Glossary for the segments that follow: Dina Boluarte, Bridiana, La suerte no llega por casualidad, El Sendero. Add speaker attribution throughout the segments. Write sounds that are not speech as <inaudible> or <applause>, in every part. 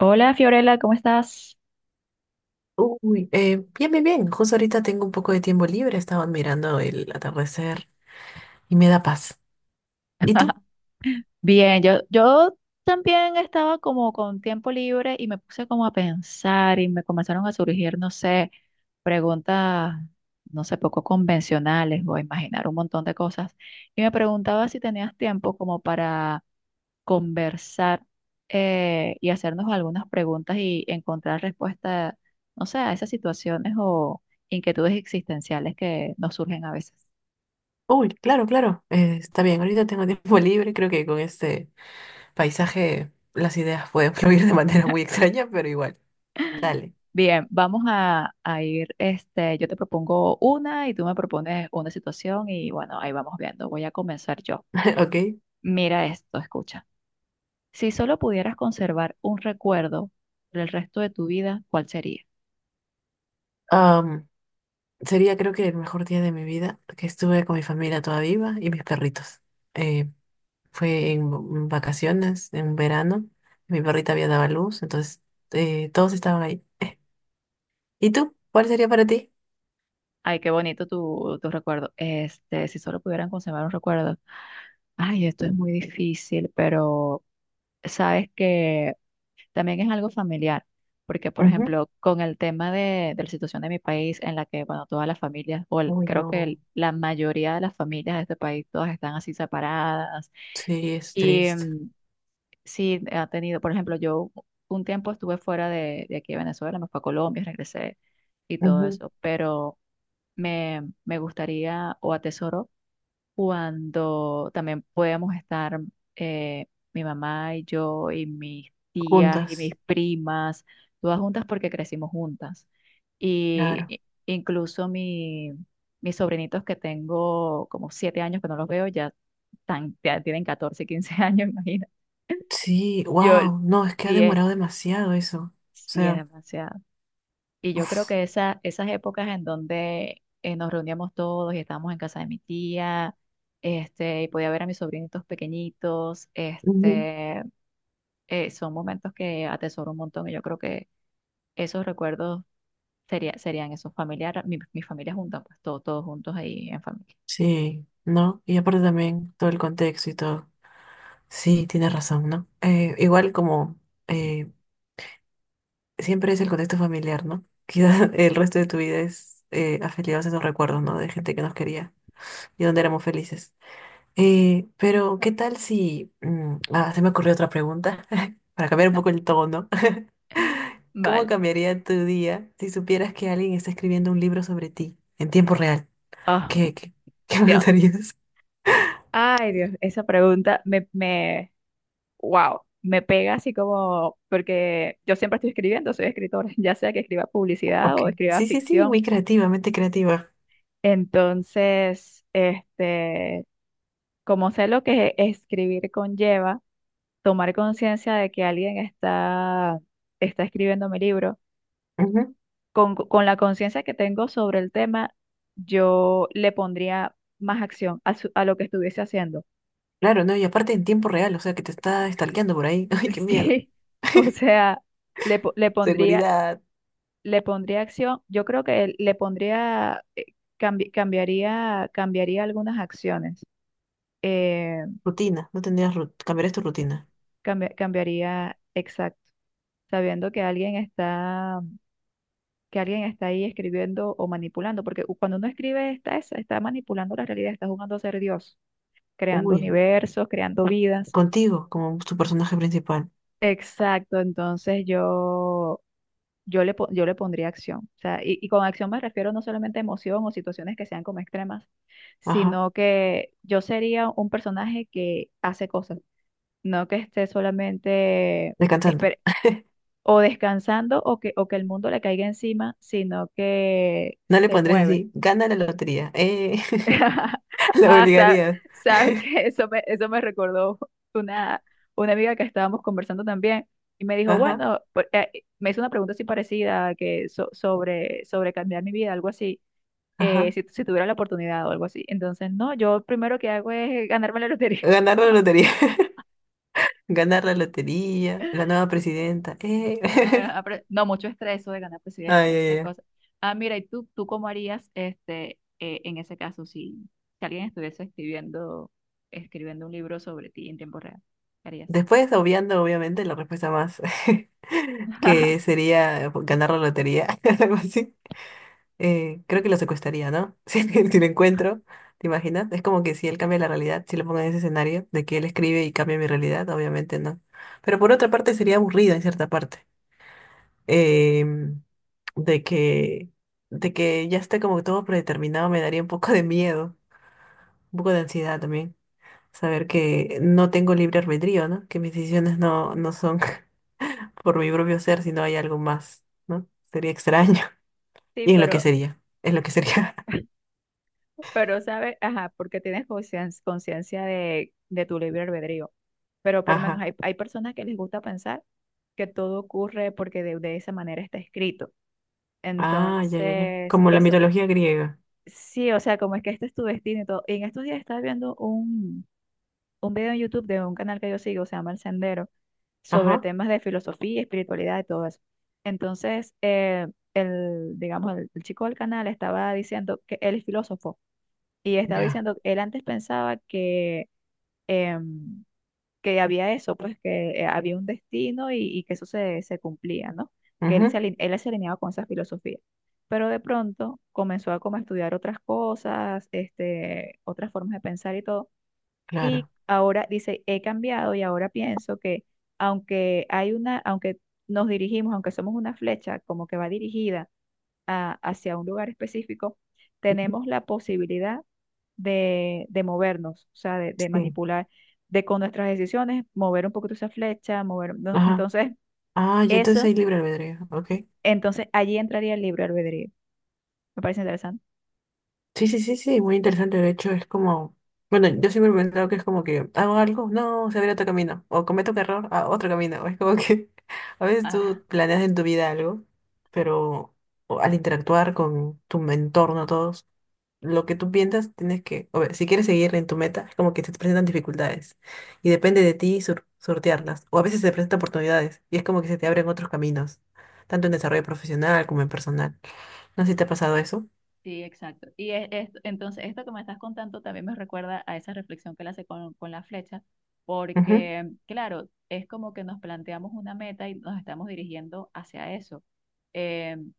Speaker 1: Hola Fiorella, ¿cómo estás?
Speaker 2: Bien, bien, bien. Justo ahorita tengo un poco de tiempo libre. Estaba mirando el atardecer y me da paz. ¿Y tú?
Speaker 1: Bien, yo también estaba como con tiempo libre y me puse como a pensar y me comenzaron a surgir, no sé, preguntas, no sé, poco convencionales o a imaginar un montón de cosas. Y me preguntaba si tenías tiempo como para conversar y hacernos algunas preguntas y encontrar respuesta, no sé, a esas situaciones o inquietudes existenciales que nos surgen a veces.
Speaker 2: Uy, claro, claro. Está bien, ahorita tengo tiempo <laughs> libre. Creo que con este paisaje las ideas pueden <laughs> fluir de manera muy extraña, pero igual. Dale.
Speaker 1: Bien, vamos a ir, este, yo te propongo una y tú me propones una situación y bueno, ahí vamos viendo. Voy a comenzar yo.
Speaker 2: <laughs> Ok.
Speaker 1: Mira esto, escucha. Si solo pudieras conservar un recuerdo por el resto de tu vida, ¿cuál sería?
Speaker 2: Am, Sería creo que el mejor día de mi vida, que estuve con mi familia toda viva y mis perritos. Eh, Fue en vacaciones, en verano. Mi perrita había dado a luz, entonces todos estaban ahí. ¿Y tú? ¿Cuál sería para ti?
Speaker 1: Ay, qué bonito tu recuerdo. Este, si solo pudieran conservar un recuerdo. Ay, esto es muy difícil, pero sabes que también es algo familiar, porque por
Speaker 2: Ujú.
Speaker 1: ejemplo, con el tema de la situación de mi país, en la que, bueno, todas las familias, o
Speaker 2: Uy,
Speaker 1: creo que
Speaker 2: no.
Speaker 1: la mayoría de las familias de este país, todas están así separadas.
Speaker 2: Sí, es
Speaker 1: Y
Speaker 2: triste.
Speaker 1: sí, ha tenido, por ejemplo, yo un tiempo estuve fuera de aquí de Venezuela, me fui a Colombia, regresé y todo
Speaker 2: Ujú.
Speaker 1: eso, pero me gustaría o atesoro cuando también podíamos estar eh, mi mamá y yo y mis tías y mis
Speaker 2: Juntas,
Speaker 1: primas, todas juntas porque crecimos juntas. Y
Speaker 2: claro.
Speaker 1: incluso mi, mis sobrinitos que tengo como siete años que no los veo, ya, ya tienen 14 15 años, <laughs> imagina.
Speaker 2: Sí,
Speaker 1: Yo,
Speaker 2: wow, no, es que ha
Speaker 1: sí es,
Speaker 2: demorado demasiado eso. O
Speaker 1: sí es
Speaker 2: sea,
Speaker 1: demasiado. Y yo creo que esas épocas en donde nos reuníamos todos y estábamos en casa de mi tía, este, y podía ver a mis sobrinitos pequeñitos,
Speaker 2: ujú.
Speaker 1: este, son momentos que atesoro un montón y yo creo que esos recuerdos serían esos familiares, mi familia junta, pues todos juntos ahí en familia.
Speaker 2: Sí, ¿no? Y aparte también todo el contexto y todo. Sí, tienes razón, ¿no? Igual como eh, siempre es el contexto familiar, ¿no? Quizás <laughs> el resto de tu vida es afiliados a esos recuerdos, ¿no? De gente que nos quería y donde éramos felices. Pero, ¿qué tal si... se me ocurrió otra pregunta, <laughs> para cambiar un
Speaker 1: <laughs>
Speaker 2: poco el tono. <laughs> ¿Cómo
Speaker 1: Vale.
Speaker 2: cambiaría tu día si supieras que alguien está escribiendo un libro sobre ti en tiempo real?
Speaker 1: Oh,
Speaker 2: ¿Qué, qué, <laughs> qué
Speaker 1: Dios.
Speaker 2: pensarías?
Speaker 1: Ay, Dios, esa pregunta wow, me pega así como, porque yo siempre estoy escribiendo, soy escritora, <laughs> ya sea que escriba publicidad
Speaker 2: Ok.
Speaker 1: o escriba
Speaker 2: Sí, sí, sí,
Speaker 1: ficción.
Speaker 2: muy creativa, mente creativa.
Speaker 1: Entonces, este, como sé lo que escribir conlleva, tomar conciencia de que alguien está, está escribiendo mi libro,
Speaker 2: Ujú.
Speaker 1: con la conciencia que tengo sobre el tema, yo le pondría más acción a, a lo que estuviese haciendo.
Speaker 2: Claro, no, y aparte en tiempo real, o sea, que te está stalkeando por ahí. <laughs> Ay, qué
Speaker 1: <laughs>
Speaker 2: miedo.
Speaker 1: Sí, o sea, le, po- le pondría
Speaker 2: Seguridad.
Speaker 1: le pondría acción, yo creo que le pondría, cambiaría algunas acciones, eh,
Speaker 2: Rutina, no tendrías rut cambiarías tu rutina.
Speaker 1: cambiaría, exacto, sabiendo que alguien está ahí escribiendo o manipulando, porque cuando uno escribe está, está manipulando la realidad, está jugando a ser Dios, creando
Speaker 2: Uy,
Speaker 1: universos, creando vidas.
Speaker 2: contigo como tu personaje principal.
Speaker 1: Exacto, entonces yo le pondría acción. O sea, y con acción me refiero no solamente a emoción o situaciones que sean como extremas,
Speaker 2: Ajá,
Speaker 1: sino que yo sería un personaje que hace cosas, no que esté solamente
Speaker 2: descansando.
Speaker 1: esper- o descansando o que el mundo le caiga encima, sino que
Speaker 2: No le
Speaker 1: se
Speaker 2: pondrías
Speaker 1: mueve.
Speaker 2: así, gana la lotería. <laughs>
Speaker 1: <laughs>
Speaker 2: La
Speaker 1: Ah,
Speaker 2: obligarías.
Speaker 1: sabes que eso me recordó una, una amiga que estábamos conversando también y me dijo,
Speaker 2: Ajá,
Speaker 1: bueno, me hizo una pregunta así parecida que sobre, sobre cambiar mi vida, algo así,
Speaker 2: ajá.
Speaker 1: si, si tuviera la oportunidad o algo así. Entonces, no, yo primero que hago es ganarme la lotería. <laughs>
Speaker 2: Ganar la lotería. <laughs> Ganar la lotería. La nueva presidenta.
Speaker 1: Ah, ah,
Speaker 2: <laughs>
Speaker 1: no, mucho estrés eso de ganar presidencia,
Speaker 2: Ay, ay,
Speaker 1: esa
Speaker 2: ay.
Speaker 1: cosa. Ah, mira, ¿y tú cómo harías este, en ese caso si, si alguien estuviese escribiendo, escribiendo un libro sobre ti en tiempo real? ¿Qué harías?
Speaker 2: Obviamente, la respuesta más <laughs> que
Speaker 1: <laughs>
Speaker 2: sería ganar la lotería. <laughs> Algo así. Creo que lo secuestraría, ¿no? <laughs> Si lo encuentro, ¿te imaginas? Es como que si él cambia la realidad, si lo pongo en ese escenario de que él escribe y cambia mi realidad, obviamente no. Pero por otra parte sería aburrido en cierta parte. em, de que, de que ya esté como que todo predeterminado me daría un poco de miedo, un poco de ansiedad también. Saber que no tengo libre albedrío, ¿no? Que mis decisiones no son <laughs> por mi propio ser, sino hay algo más, ¿no? Sería extraño. <laughs>
Speaker 1: Sí,
Speaker 2: Y en lo que sería, en lo que sería.
Speaker 1: pero sabes, ajá, porque tienes conciencia de tu libre albedrío. Pero
Speaker 2: <laughs>
Speaker 1: por lo menos
Speaker 2: Ajá.
Speaker 1: hay personas que les gusta pensar que todo ocurre porque de esa manera está escrito.
Speaker 2: Ah, ya, ya, ya.
Speaker 1: Entonces,
Speaker 2: Como la
Speaker 1: eso
Speaker 2: mitología griega.
Speaker 1: sí, o sea, como es que este es tu destino y todo. Y en estos días estaba viendo un video en YouTube de un canal que yo sigo, se llama El Sendero, sobre
Speaker 2: Ajá.
Speaker 1: temas de filosofía, espiritualidad y todo eso. Entonces, el, digamos, el chico del canal estaba diciendo que él es filósofo. Y estaba
Speaker 2: Ya.
Speaker 1: diciendo, él antes pensaba que, em, que había eso, pues que había un destino y que se cumplía, ¿no? Que
Speaker 2: Ujú,
Speaker 1: él se alineaba con esa filosofía. Pero de pronto comenzó a como estudiar otras cosas, este, otras formas de pensar y todo. Y
Speaker 2: claro.
Speaker 1: ahora dice, he cambiado y ahora pienso que aunque hay una, aunque nos dirigimos, aunque somos una flecha como que va dirigida hacia un lugar específico, tenemos la posibilidad de movernos, o sea, de
Speaker 2: Sí.
Speaker 1: manipular, de con nuestras decisiones, mover un poquito esa flecha, mover, no,
Speaker 2: Ajá.
Speaker 1: entonces,
Speaker 2: Ah, ya entonces
Speaker 1: eso,
Speaker 2: hay libre albedrío. Ok.
Speaker 1: entonces allí entraría el libre albedrío. Me parece interesante.
Speaker 2: Sí, sí, sí, sí, muy interesante. De hecho, es como, bueno, yo siempre me he pensado que es como que hago algo, no, se abre otro camino, o cometo un error, a otro camino. Es como que <laughs> a veces
Speaker 1: Ah,
Speaker 2: tú planeas en tu vida algo, pero o al interactuar con tu entorno, todos, lo que tú piensas, tienes que, o ver, si quieres seguir en tu meta, es como que se te presentan dificultades y depende de ti sortearlas. O a veces se presentan oportunidades y es como que se te abren otros caminos, tanto en desarrollo profesional como en personal. No sé si te ha pasado eso.
Speaker 1: sí, exacto. Y es, entonces esto que me estás contando también me recuerda a esa reflexión que él hace con la flecha,
Speaker 2: Ujú,
Speaker 1: porque claro, es como que nos planteamos una meta y nos estamos dirigiendo hacia eso. Em,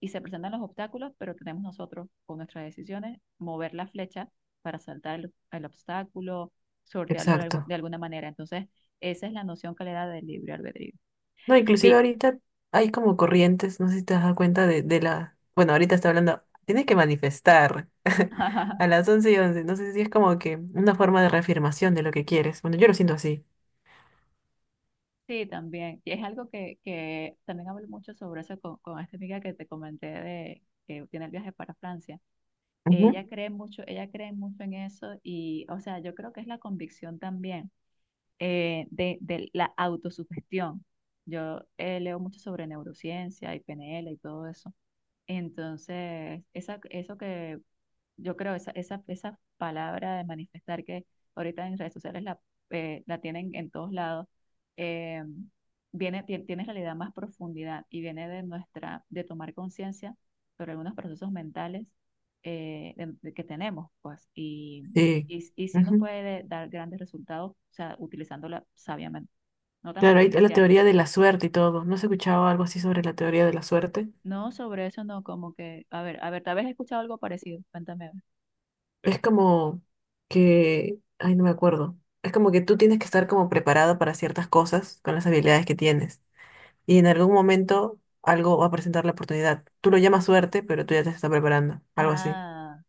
Speaker 1: y se presentan los obstáculos, pero tenemos nosotros con nuestras decisiones mover la flecha para saltar el obstáculo, sortearlo de,
Speaker 2: exacto.
Speaker 1: de alguna manera. Entonces, esa es la noción que le da del libre albedrío.
Speaker 2: No, inclusive
Speaker 1: Vi-
Speaker 2: ahorita hay como corrientes, no sé si te has dado cuenta de la... Bueno, ahorita está hablando, tienes que manifestar <laughs> a las
Speaker 1: <laughs>
Speaker 2: 11 y 11 no sé si es como que una forma de reafirmación de lo que quieres. Bueno, yo lo siento así.
Speaker 1: Sí, también. Y es algo que también hablo mucho sobre eso con esta amiga que te comenté de que tiene el viaje para Francia.
Speaker 2: Ujú.
Speaker 1: Ella cree mucho en eso y, o sea, yo creo que es la convicción también. Eh, de la autosugestión. Yo leo mucho sobre neurociencia y PNL y todo eso. Entonces, eso que yo creo esa palabra de manifestar que ahorita en redes sociales la, la tienen en todos lados, eh, viene, tiene en realidad más profundidad y viene de nuestra, de tomar conciencia sobre algunos procesos mentales de que tenemos, pues, y,
Speaker 2: Sí.
Speaker 1: y sí nos
Speaker 2: Ujú.
Speaker 1: puede dar grandes resultados, o sea, utilizándola sabiamente, no tan
Speaker 2: Claro, hay la
Speaker 1: superficial.
Speaker 2: teoría de la suerte y todo. ¿No has escuchado algo así sobre la teoría de la suerte?
Speaker 1: No, sobre eso no, como que, a ver, tal vez he escuchado algo parecido, cuéntame. A ver.
Speaker 2: Es como que... Ay, no me acuerdo. Es como que tú tienes que estar como preparado para ciertas cosas con las habilidades que tienes. Y en algún momento algo va a presentar la oportunidad. Tú lo llamas suerte, pero tú ya te estás preparando, algo así.
Speaker 1: Ah,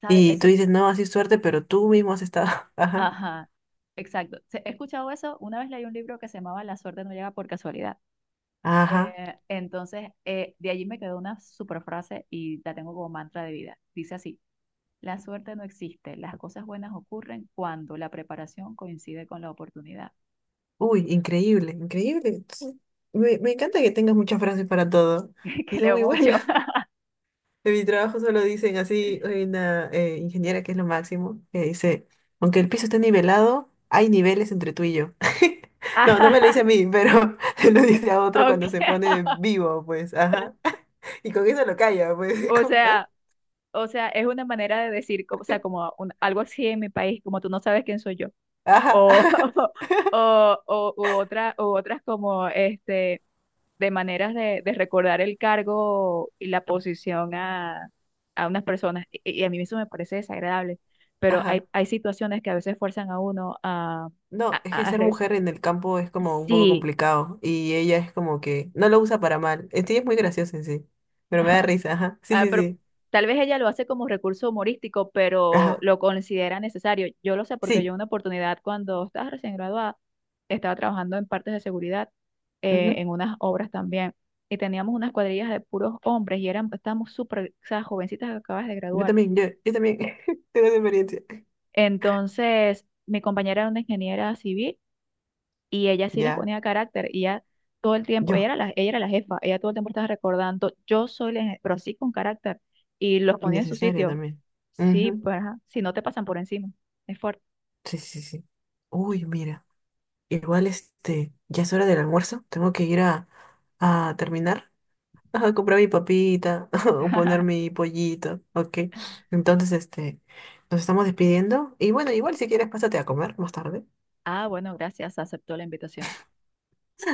Speaker 1: ¿sabes?
Speaker 2: Y tú
Speaker 1: Eso,
Speaker 2: dices, no, así es suerte, pero tú mismo has estado. <laughs> Ajá,
Speaker 1: ajá, exacto. He escuchado eso. Una vez leí un libro que se llamaba La suerte no llega por casualidad. Eh,
Speaker 2: ajá.
Speaker 1: entonces, de allí me quedó una super frase y la tengo como mantra de vida. Dice así, la suerte no existe, las cosas buenas ocurren cuando la preparación coincide con la oportunidad.
Speaker 2: Uy, increíble, increíble. Entonces, me encanta que tengas muchas frases para todo
Speaker 1: <laughs>
Speaker 2: y
Speaker 1: Que
Speaker 2: son
Speaker 1: leo
Speaker 2: muy
Speaker 1: mucho. <laughs>
Speaker 2: buenas. <laughs> En mi trabajo solo dicen así, hay una ingeniera que es lo máximo, que dice, aunque el piso esté nivelado, hay niveles entre tú y yo. <laughs> No, no me lo dice
Speaker 1: Ajá,
Speaker 2: a mí, pero <laughs> se lo dice a otro
Speaker 1: ok.
Speaker 2: cuando se pone de
Speaker 1: <laughs>
Speaker 2: vivo, pues, ajá. Y con eso lo calla, pues. <laughs> Es
Speaker 1: O
Speaker 2: como, ¿ah?
Speaker 1: sea, o sea, es una manera de decir, o sea, como algo así en mi país, como tú no sabes quién soy yo.
Speaker 2: Ajá,
Speaker 1: O,
Speaker 2: <laughs> ajá,
Speaker 1: <laughs> o, o otra, o otras como este. De maneras de recordar el cargo y la posición a unas personas. Y a mí eso me parece desagradable, pero hay,
Speaker 2: ajá.
Speaker 1: hay situaciones que a veces fuerzan a uno a...
Speaker 2: No,
Speaker 1: a-
Speaker 2: es que
Speaker 1: a a
Speaker 2: ser
Speaker 1: re-
Speaker 2: mujer en el campo es como un poco
Speaker 1: sí,
Speaker 2: complicado. Y ella es como que no lo usa para mal. En sí es muy gracioso en sí. Pero me da
Speaker 1: <laughs>
Speaker 2: risa, ajá. Sí,
Speaker 1: ah,
Speaker 2: sí,
Speaker 1: pero
Speaker 2: sí.
Speaker 1: tal vez ella lo hace como recurso humorístico, pero
Speaker 2: Ajá.
Speaker 1: lo considera necesario. Yo lo sé porque yo
Speaker 2: Sí.
Speaker 1: una oportunidad cuando estaba recién graduada, estaba trabajando en partes de seguridad,
Speaker 2: Ujú.
Speaker 1: en unas obras también, y teníamos unas cuadrillas de puros hombres y eran, estábamos súper, o sea, jovencitas que acabas de
Speaker 2: Yo
Speaker 1: graduar.
Speaker 2: también, yo, yo también. <laughs> Tengo esa experiencia.
Speaker 1: Entonces, mi compañera era una ingeniera civil y ella sí les
Speaker 2: Ya.
Speaker 1: ponía carácter y ella todo el tiempo,
Speaker 2: Yo.
Speaker 1: ella era la jefa, ella todo el tiempo estaba recordando, yo soy la, pero sí con carácter y los ponía en su
Speaker 2: Innecesario
Speaker 1: sitio.
Speaker 2: también.
Speaker 1: Sí,
Speaker 2: Ujú.
Speaker 1: pues, ajá, si no te pasan por encima, es fuerte.
Speaker 2: Sí, sí, sí. Uy, mira. Igual este, ya es hora del almuerzo. Tengo que ir a terminar. Ajá, comprar mi papita <laughs> o poner mi pollito, ok. Entonces, este, nos estamos despidiendo. Y bueno, igual si quieres, pásate a comer más tarde.
Speaker 1: Ah, bueno, gracias, aceptó la invitación.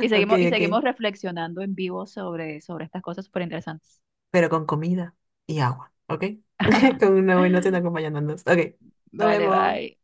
Speaker 2: Ok,
Speaker 1: Y
Speaker 2: ok.
Speaker 1: seguimos reflexionando en vivo sobre, sobre estas cosas súper interesantes.
Speaker 2: Pero con comida y agua, ok. <laughs> Con
Speaker 1: <laughs>
Speaker 2: una buena cena acompañándonos. Ok, nos
Speaker 1: Vale,
Speaker 2: vemos.
Speaker 1: bye.